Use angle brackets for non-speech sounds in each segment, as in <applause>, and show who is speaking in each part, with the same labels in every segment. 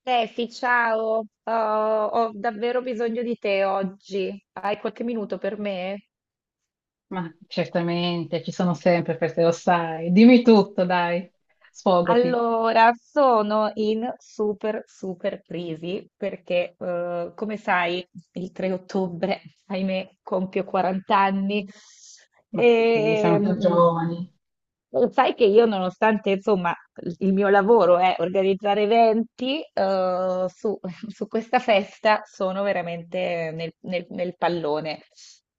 Speaker 1: Steffi, ciao. Oh, ho davvero bisogno di te oggi. Hai qualche minuto per me?
Speaker 2: Ma certamente, ci sono sempre feste, lo sai. Dimmi tutto, dai, sfogati.
Speaker 1: Allora, sono in super, super crisi perché, come sai, il 3 ottobre, ahimè, compio 40 anni
Speaker 2: Ma sì,
Speaker 1: e
Speaker 2: siamo più giovani.
Speaker 1: lo sai che io, nonostante, insomma, il mio lavoro è organizzare eventi, <laughs> su questa festa sono veramente nel pallone.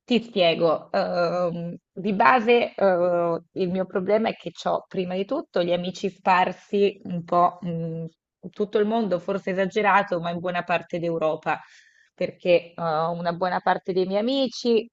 Speaker 1: Ti spiego, di base, il mio problema è che ho prima di tutto gli amici sparsi un po' in tutto il mondo, forse esagerato, ma in buona parte d'Europa, perché una buona parte dei miei amici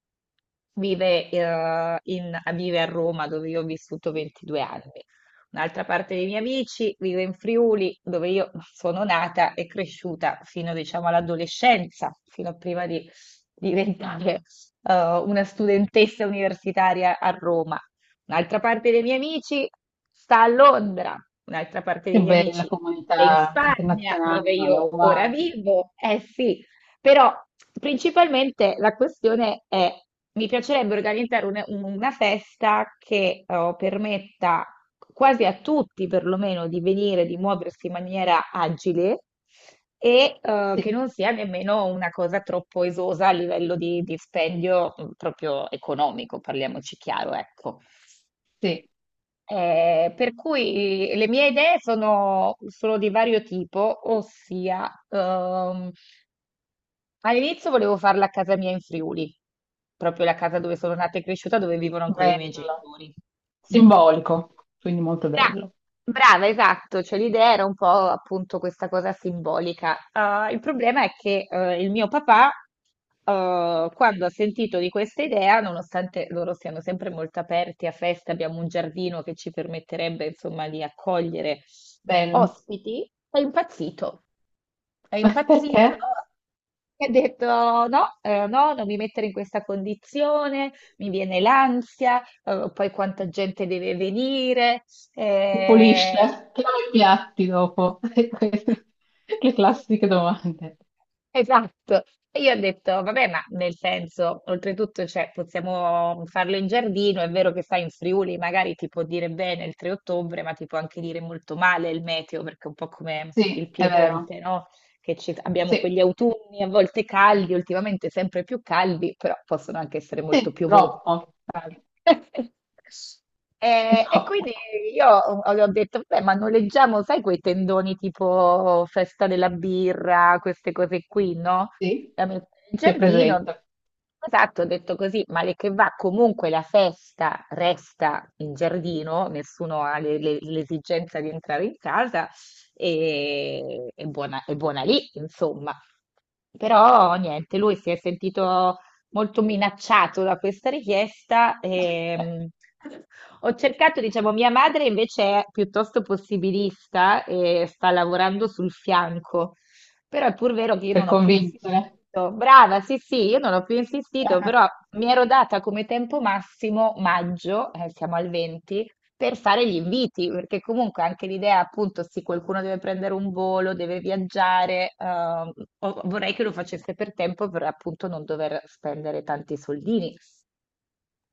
Speaker 1: vive, vive a Roma, dove io ho vissuto 22 anni. Un'altra parte dei miei amici vive in Friuli, dove io sono nata e cresciuta fino, diciamo, all'adolescenza, fino a prima di diventare eh, una studentessa universitaria a Roma, un'altra parte dei miei amici sta a Londra, un'altra parte
Speaker 2: Che
Speaker 1: dei miei amici
Speaker 2: bella
Speaker 1: è in
Speaker 2: comunità
Speaker 1: Spagna, dove
Speaker 2: internazionale,
Speaker 1: io ora
Speaker 2: wow.
Speaker 1: vivo. Eh sì, però principalmente la questione è, mi piacerebbe organizzare una festa che permetta quasi a tutti perlomeno di venire, di muoversi in maniera agile e che
Speaker 2: Sì,
Speaker 1: non sia nemmeno una cosa troppo esosa a livello di dispendio proprio economico, parliamoci chiaro, ecco.
Speaker 2: sì,
Speaker 1: Per cui le mie idee sono, di vario tipo, ossia all'inizio volevo farla a casa mia in Friuli, proprio la casa dove sono nata e cresciuta, dove vivono ancora i miei
Speaker 2: bello.
Speaker 1: genitori. Mm.
Speaker 2: Simbolico, quindi molto
Speaker 1: Bra-
Speaker 2: bello.
Speaker 1: Brava, esatto, cioè l'idea era un po' appunto questa cosa simbolica. Ah, il problema è che il mio papà, quando ha sentito di questa idea, nonostante loro siano sempre molto aperti a feste, abbiamo un giardino che ci permetterebbe insomma di accogliere
Speaker 2: Bello.
Speaker 1: ospiti, è impazzito. È
Speaker 2: <laughs>
Speaker 1: impazzito
Speaker 2: Perché?
Speaker 1: e ha detto no, no, non mi mettere in questa condizione, mi viene l'ansia, poi quanta gente deve venire.
Speaker 2: Che pulisce,
Speaker 1: Eh,
Speaker 2: che lava i piatti dopo. <laughs> Le classiche domande.
Speaker 1: Esatto. E io ho detto, vabbè, ma nel senso, oltretutto, cioè, possiamo farlo in giardino, è vero che sai, in Friuli magari ti può dire bene il 3 ottobre, ma ti può anche dire molto male il meteo, perché è un po' come il
Speaker 2: Sì, è vero.
Speaker 1: Piemonte, no? Che abbiamo quegli
Speaker 2: Sì,
Speaker 1: autunni a volte caldi, ultimamente sempre più caldi, però possono anche essere molto
Speaker 2: sì,
Speaker 1: piovosi.
Speaker 2: troppo, dai,
Speaker 1: <laughs>
Speaker 2: è
Speaker 1: E
Speaker 2: troppo.
Speaker 1: quindi io le ho detto, beh, ma noleggiamo, sai, quei tendoni tipo festa della birra, queste cose qui, no?
Speaker 2: Sì,
Speaker 1: Da mettere in
Speaker 2: ti
Speaker 1: giardino.
Speaker 2: presento.
Speaker 1: Esatto, ho detto così, male che va, comunque la festa resta in giardino, nessuno ha l'esigenza di entrare in casa e è buona lì, insomma. Però niente, lui si è sentito molto minacciato da questa richiesta. Ho cercato, diciamo, mia madre invece è piuttosto possibilista e sta lavorando sul fianco, però è pur vero che io
Speaker 2: Per
Speaker 1: non ho più insistito.
Speaker 2: convincere.
Speaker 1: Brava, sì, sì, io non ho più insistito, però
Speaker 2: <laughs>
Speaker 1: mi ero data come tempo massimo maggio, siamo al 20, per fare gli inviti, perché comunque anche l'idea, appunto, sì, qualcuno deve prendere un volo, deve viaggiare, vorrei che lo facesse per tempo per appunto non dover spendere tanti soldini.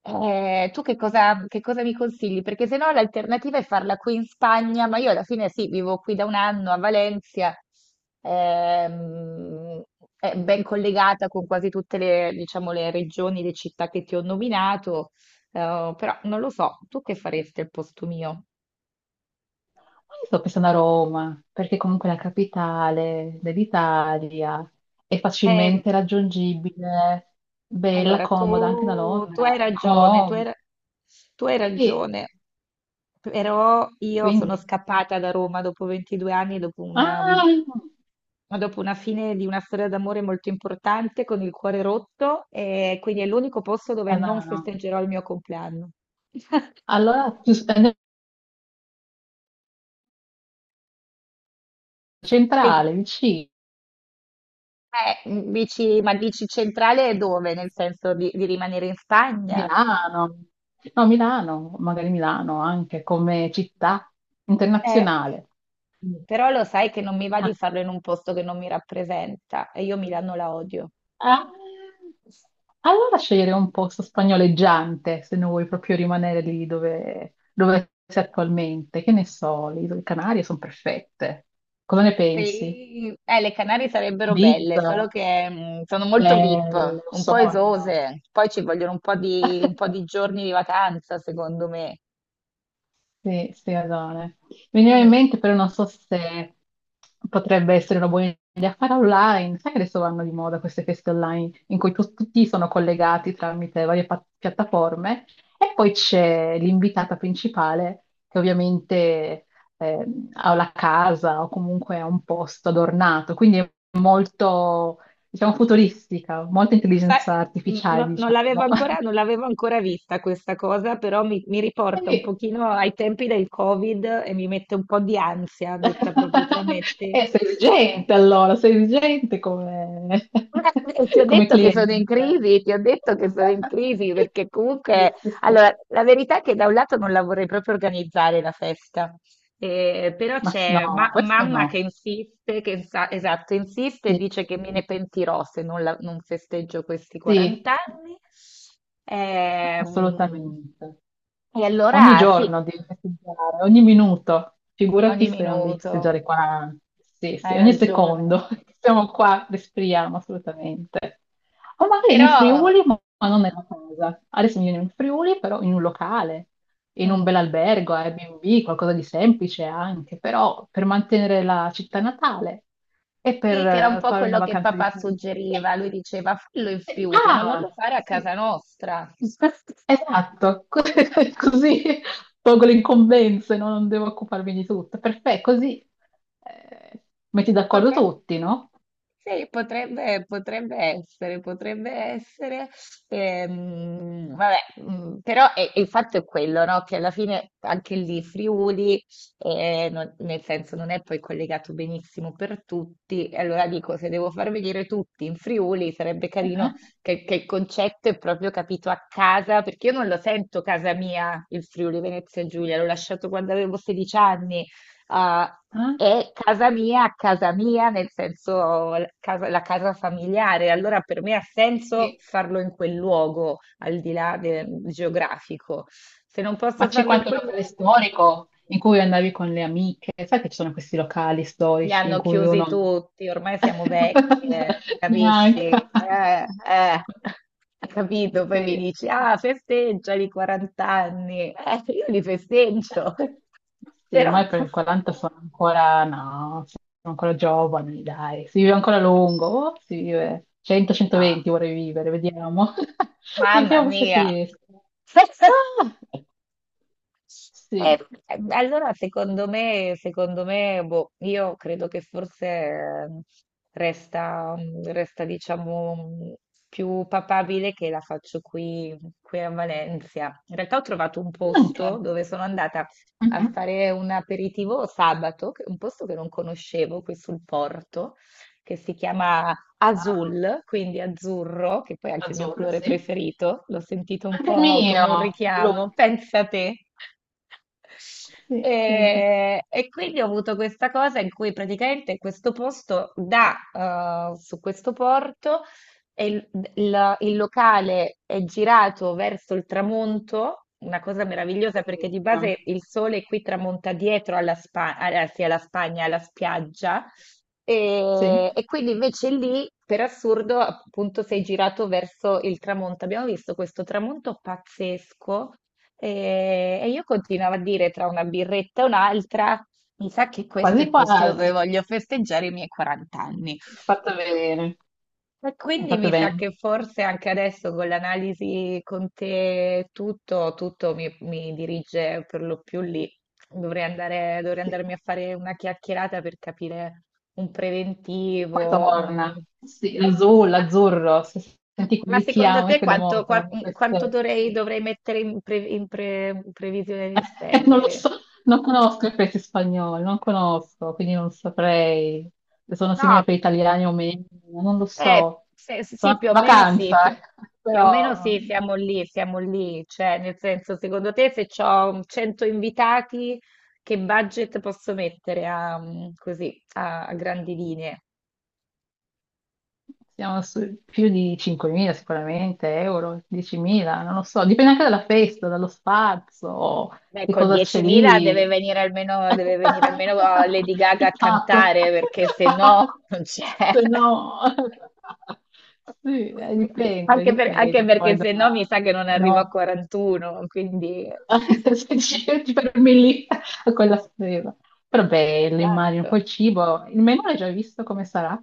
Speaker 1: Tu che cosa mi consigli? Perché se no l'alternativa è farla qui in Spagna, ma io alla fine sì, vivo qui da un anno a Valencia, ehm, è ben collegata con quasi tutte le, diciamo, le regioni, le città che ti ho nominato, però non lo so, tu che faresti al posto mio?
Speaker 2: Io sto pensando a Roma, perché comunque è la capitale dell'Italia, è
Speaker 1: Eh,
Speaker 2: facilmente raggiungibile, bella,
Speaker 1: allora,
Speaker 2: comoda anche da
Speaker 1: tu, tu hai
Speaker 2: Londra.
Speaker 1: ragione, tu hai
Speaker 2: Sì,
Speaker 1: ragione, però io sono
Speaker 2: quindi...
Speaker 1: scappata da Roma dopo 22 anni,
Speaker 2: Ah,
Speaker 1: dopo una fine di una storia d'amore molto importante, con il cuore rotto, e quindi è l'unico posto dove non
Speaker 2: no, no.
Speaker 1: festeggerò il mio compleanno.
Speaker 2: Allora,
Speaker 1: E,
Speaker 2: centrale, vicino,
Speaker 1: dici, ma dici centrale è dove? Nel senso di rimanere in Spagna?
Speaker 2: Milano. No, Milano, magari Milano anche come città
Speaker 1: Eh,
Speaker 2: internazionale.
Speaker 1: Però lo sai che non mi va di farlo in un posto che non mi rappresenta e io Milano la odio.
Speaker 2: Ah, allora scegliere un posto spagnoleggiante, se non vuoi proprio rimanere lì dove sei attualmente. Che ne so, le isole Canarie sono perfette. Cosa ne pensi?
Speaker 1: Sì, le Canarie sarebbero belle,
Speaker 2: Ibiza?
Speaker 1: solo che sono molto VIP,
Speaker 2: Bello,
Speaker 1: un po'
Speaker 2: sogno.
Speaker 1: esose, poi ci vogliono un po' di
Speaker 2: <laughs>
Speaker 1: giorni di vacanza, secondo me.
Speaker 2: Sì, sì, Adone. Mi veniva in
Speaker 1: Mm,
Speaker 2: mente, però non so se potrebbe essere una buona idea fare online. Sai che adesso vanno di moda queste feste online in cui tutti sono collegati tramite varie piattaforme e poi c'è l'invitata principale che ovviamente eh, ha la casa o comunque ha un posto adornato, quindi è molto, diciamo, futuristica, molta
Speaker 1: sai,
Speaker 2: intelligenza artificiale, diciamo. <laughs>
Speaker 1: non l'avevo ancora vista questa cosa, però mi riporta un
Speaker 2: Sì,
Speaker 1: pochino ai tempi del Covid e mi mette un po' di ansia, detta proprio tra me e
Speaker 2: <laughs>
Speaker 1: te.
Speaker 2: Sei vigente allora, sei vigente come,
Speaker 1: Ma-
Speaker 2: <laughs>
Speaker 1: Ti ho
Speaker 2: come
Speaker 1: detto che sono in
Speaker 2: cliente.
Speaker 1: crisi, ti ho detto che sono in crisi perché
Speaker 2: Sì,
Speaker 1: comunque,
Speaker 2: sì,
Speaker 1: allora,
Speaker 2: sì.
Speaker 1: la verità è che da un lato non la vorrei proprio organizzare la festa, però
Speaker 2: No,
Speaker 1: c'è
Speaker 2: ma questo
Speaker 1: mamma che
Speaker 2: no.
Speaker 1: insiste, che esatto, insiste e
Speaker 2: Sì,
Speaker 1: dice che me ne pentirò se non, non festeggio questi 40
Speaker 2: sì,
Speaker 1: anni. Ehm,
Speaker 2: assolutamente.
Speaker 1: e
Speaker 2: Ogni
Speaker 1: allora sì,
Speaker 2: giorno devi festeggiare, ogni minuto. Figurati
Speaker 1: ogni
Speaker 2: se non devi
Speaker 1: minuto,
Speaker 2: festeggiare qua, sì, sì,
Speaker 1: hai
Speaker 2: ogni
Speaker 1: ragione.
Speaker 2: secondo. <laughs> Siamo qua, respiriamo assolutamente. O magari in
Speaker 1: Però.
Speaker 2: Friuli, ma non nella casa. Adesso mi viene in Friuli, però in un locale, in un
Speaker 1: mm.
Speaker 2: bel albergo, Airbnb, qualcosa di semplice anche, però per mantenere la città natale e
Speaker 1: Sì,
Speaker 2: per
Speaker 1: che era un po'
Speaker 2: fare una
Speaker 1: quello che
Speaker 2: vacanza di...
Speaker 1: papà
Speaker 2: Eh,
Speaker 1: suggeriva. Lui diceva: fallo in Friuli, ma non
Speaker 2: ah,
Speaker 1: lo fare a
Speaker 2: sì.
Speaker 1: casa nostra. <laughs>
Speaker 2: Esatto, <laughs> così tolgo le incombenze, no? Non devo occuparmi di tutto. Perfetto, così eh, metti d'accordo
Speaker 1: Potrebbe
Speaker 2: tutti, no?
Speaker 1: Sì, potrebbe, potrebbe essere, vabbè, però il fatto è quello, no? Che alla fine anche lì Friuli, nel senso non è poi collegato benissimo per tutti, e allora dico, se devo far venire tutti in Friuli sarebbe
Speaker 2: Eh,
Speaker 1: carino
Speaker 2: eh,
Speaker 1: che il concetto è proprio capito a casa, perché io non lo sento casa mia, il Friuli Venezia Giulia, l'ho lasciato quando avevo 16 anni. Ah,
Speaker 2: eh,
Speaker 1: è casa mia, nel senso la casa, familiare, allora per me ha senso
Speaker 2: sì.
Speaker 1: farlo in quel luogo, al di là del geografico. Se non posso
Speaker 2: Ma c'è
Speaker 1: farlo in
Speaker 2: qualche
Speaker 1: quel
Speaker 2: locale
Speaker 1: luogo,
Speaker 2: storico in cui andavi con le amiche? Sai che ci sono questi locali
Speaker 1: li
Speaker 2: storici in
Speaker 1: hanno
Speaker 2: cui
Speaker 1: chiusi
Speaker 2: uno...
Speaker 1: tutti, ormai siamo vecchie,
Speaker 2: <laughs>
Speaker 1: capisci?
Speaker 2: Neanche.
Speaker 1: Eh. <laughs> Capito? Poi mi
Speaker 2: Sì,
Speaker 1: dici,
Speaker 2: sì, sì.
Speaker 1: ah, festeggia i 40 anni. Io li festeggio,
Speaker 2: Sì,
Speaker 1: però
Speaker 2: ma per i
Speaker 1: <laughs>
Speaker 2: 40 sono ancora, no, sono ancora giovani, dai, si vive ancora a lungo, oh, si vive
Speaker 1: no,
Speaker 2: 100-120 vorrei vivere, vediamo, <laughs>
Speaker 1: mamma
Speaker 2: vediamo se ci
Speaker 1: mia.
Speaker 2: riesco.
Speaker 1: <laughs>
Speaker 2: Ah,
Speaker 1: Eh,
Speaker 2: sì,
Speaker 1: allora, secondo me, boh, io credo che forse resta, diciamo, più papabile che la faccio qui, a Valencia. In realtà ho trovato un posto
Speaker 2: anche.
Speaker 1: dove sono andata a
Speaker 2: Mhm.
Speaker 1: fare un aperitivo sabato, un posto che non conoscevo qui sul porto, che si chiama
Speaker 2: Wow,
Speaker 1: Azul, quindi azzurro, che poi è anche il mio
Speaker 2: azzurro,
Speaker 1: colore
Speaker 2: sì.
Speaker 1: preferito, l'ho sentito un
Speaker 2: Anche il
Speaker 1: po' come un
Speaker 2: mio, blu.
Speaker 1: richiamo, pensa te.
Speaker 2: Sì, vedi.
Speaker 1: E quindi ho avuto questa cosa in cui praticamente questo posto dà su questo porto e il locale è girato verso il tramonto, una cosa meravigliosa perché di
Speaker 2: Bellissimo.
Speaker 1: base il sole qui tramonta dietro sì, alla Spagna, alla spiaggia,
Speaker 2: Sì,
Speaker 1: e quindi invece lì, per assurdo, appunto sei girato verso il tramonto. Abbiamo visto questo tramonto pazzesco e io continuavo a dire tra una birretta e un'altra, mi sa che questo è il
Speaker 2: quasi
Speaker 1: posto dove
Speaker 2: quasi.
Speaker 1: voglio festeggiare i miei 40 anni.
Speaker 2: Fatto bene,
Speaker 1: E
Speaker 2: hai
Speaker 1: quindi
Speaker 2: fatto
Speaker 1: mi sa
Speaker 2: bene.
Speaker 1: che forse anche adesso con l'analisi con te tutto mi dirige per lo più lì. Dovrei
Speaker 2: Sì.
Speaker 1: andarmi a fare una chiacchierata per capire un
Speaker 2: Poi
Speaker 1: preventivo.
Speaker 2: torna. Sì, l'azzurro, l'azzurro, se
Speaker 1: Ma
Speaker 2: senti quel
Speaker 1: secondo
Speaker 2: richiamo, io
Speaker 1: te
Speaker 2: credo molto in
Speaker 1: quanto
Speaker 2: queste...
Speaker 1: dovrei mettere in previsione di
Speaker 2: <laughs> Non lo
Speaker 1: spendere?
Speaker 2: so, non conosco il paese spagnolo, non conosco, quindi non saprei se sono simili
Speaker 1: No,
Speaker 2: per gli italiani o meno, non lo so. Sono
Speaker 1: Sì, più o meno
Speaker 2: andata in
Speaker 1: sì,
Speaker 2: vacanza, <laughs>
Speaker 1: più o
Speaker 2: però
Speaker 1: meno sì, siamo lì, cioè nel senso, secondo te se ho 100 invitati, che budget posso mettere così, a grandi linee?
Speaker 2: siamo su più di 5.000 sicuramente, euro, 10.000, non lo so, dipende anche dalla festa, dallo spazio,
Speaker 1: Beh,
Speaker 2: che
Speaker 1: con
Speaker 2: cosa c'è
Speaker 1: 10.000 deve
Speaker 2: lì.
Speaker 1: venire almeno,
Speaker 2: <laughs>
Speaker 1: oh, Lady Gaga a
Speaker 2: Il Papa.
Speaker 1: cantare, perché se no
Speaker 2: <laughs>
Speaker 1: non c'è.
Speaker 2: Se no, sì,
Speaker 1: <laughs>
Speaker 2: dipende,
Speaker 1: Anche
Speaker 2: dipende
Speaker 1: perché
Speaker 2: poi da...
Speaker 1: se no mi sa che non arrivo a
Speaker 2: No,
Speaker 1: 41, quindi. <laughs>
Speaker 2: <laughs> se ci fermi lì a quella spesa. Però bello, immagino,
Speaker 1: Esatto.
Speaker 2: poi il cibo, il menù l'hai già visto come sarà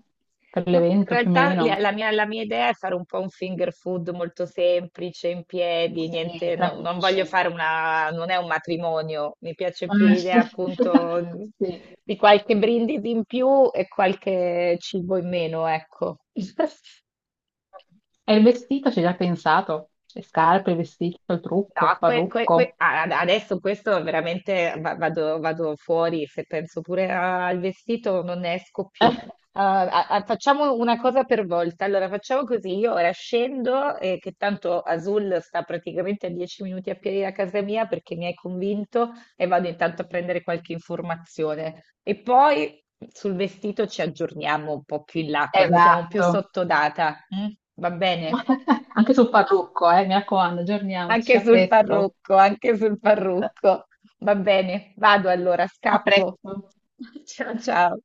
Speaker 2: per
Speaker 1: Ma in
Speaker 2: l'evento più o
Speaker 1: realtà
Speaker 2: meno?
Speaker 1: la mia idea è fare un po' un finger food molto semplice, in piedi,
Speaker 2: Sì,
Speaker 1: niente,
Speaker 2: tra
Speaker 1: non voglio
Speaker 2: amici.
Speaker 1: fare una, non è un matrimonio, mi piace più
Speaker 2: Eh,
Speaker 1: l'idea appunto
Speaker 2: <laughs> Sì.
Speaker 1: di qualche brindisi in più e qualche cibo in meno, ecco. <laughs>
Speaker 2: E il vestito ci hai già pensato? Le scarpe, il vestito, il trucco, il
Speaker 1: No,
Speaker 2: parrucco.
Speaker 1: adesso questo veramente vado fuori, se penso pure al vestito non ne esco
Speaker 2: Eh,
Speaker 1: più. Ah, facciamo una cosa per volta, allora facciamo così, io ora scendo, che tanto Azul sta praticamente a 10 minuti a piedi da casa mia perché mi hai convinto e vado intanto a prendere qualche informazione. E poi sul vestito ci aggiorniamo un po' più in là, quando siamo più
Speaker 2: Esatto.
Speaker 1: sotto data, mm? Va bene?
Speaker 2: <laughs> Anche sul parrucco, mi raccomando, aggiorniamoci.
Speaker 1: Anche
Speaker 2: A
Speaker 1: sul
Speaker 2: presto.
Speaker 1: parrucco, anche sul
Speaker 2: <laughs>
Speaker 1: parrucco. Va bene, vado allora,
Speaker 2: A
Speaker 1: scappo.
Speaker 2: presto.
Speaker 1: <laughs> Ciao ciao.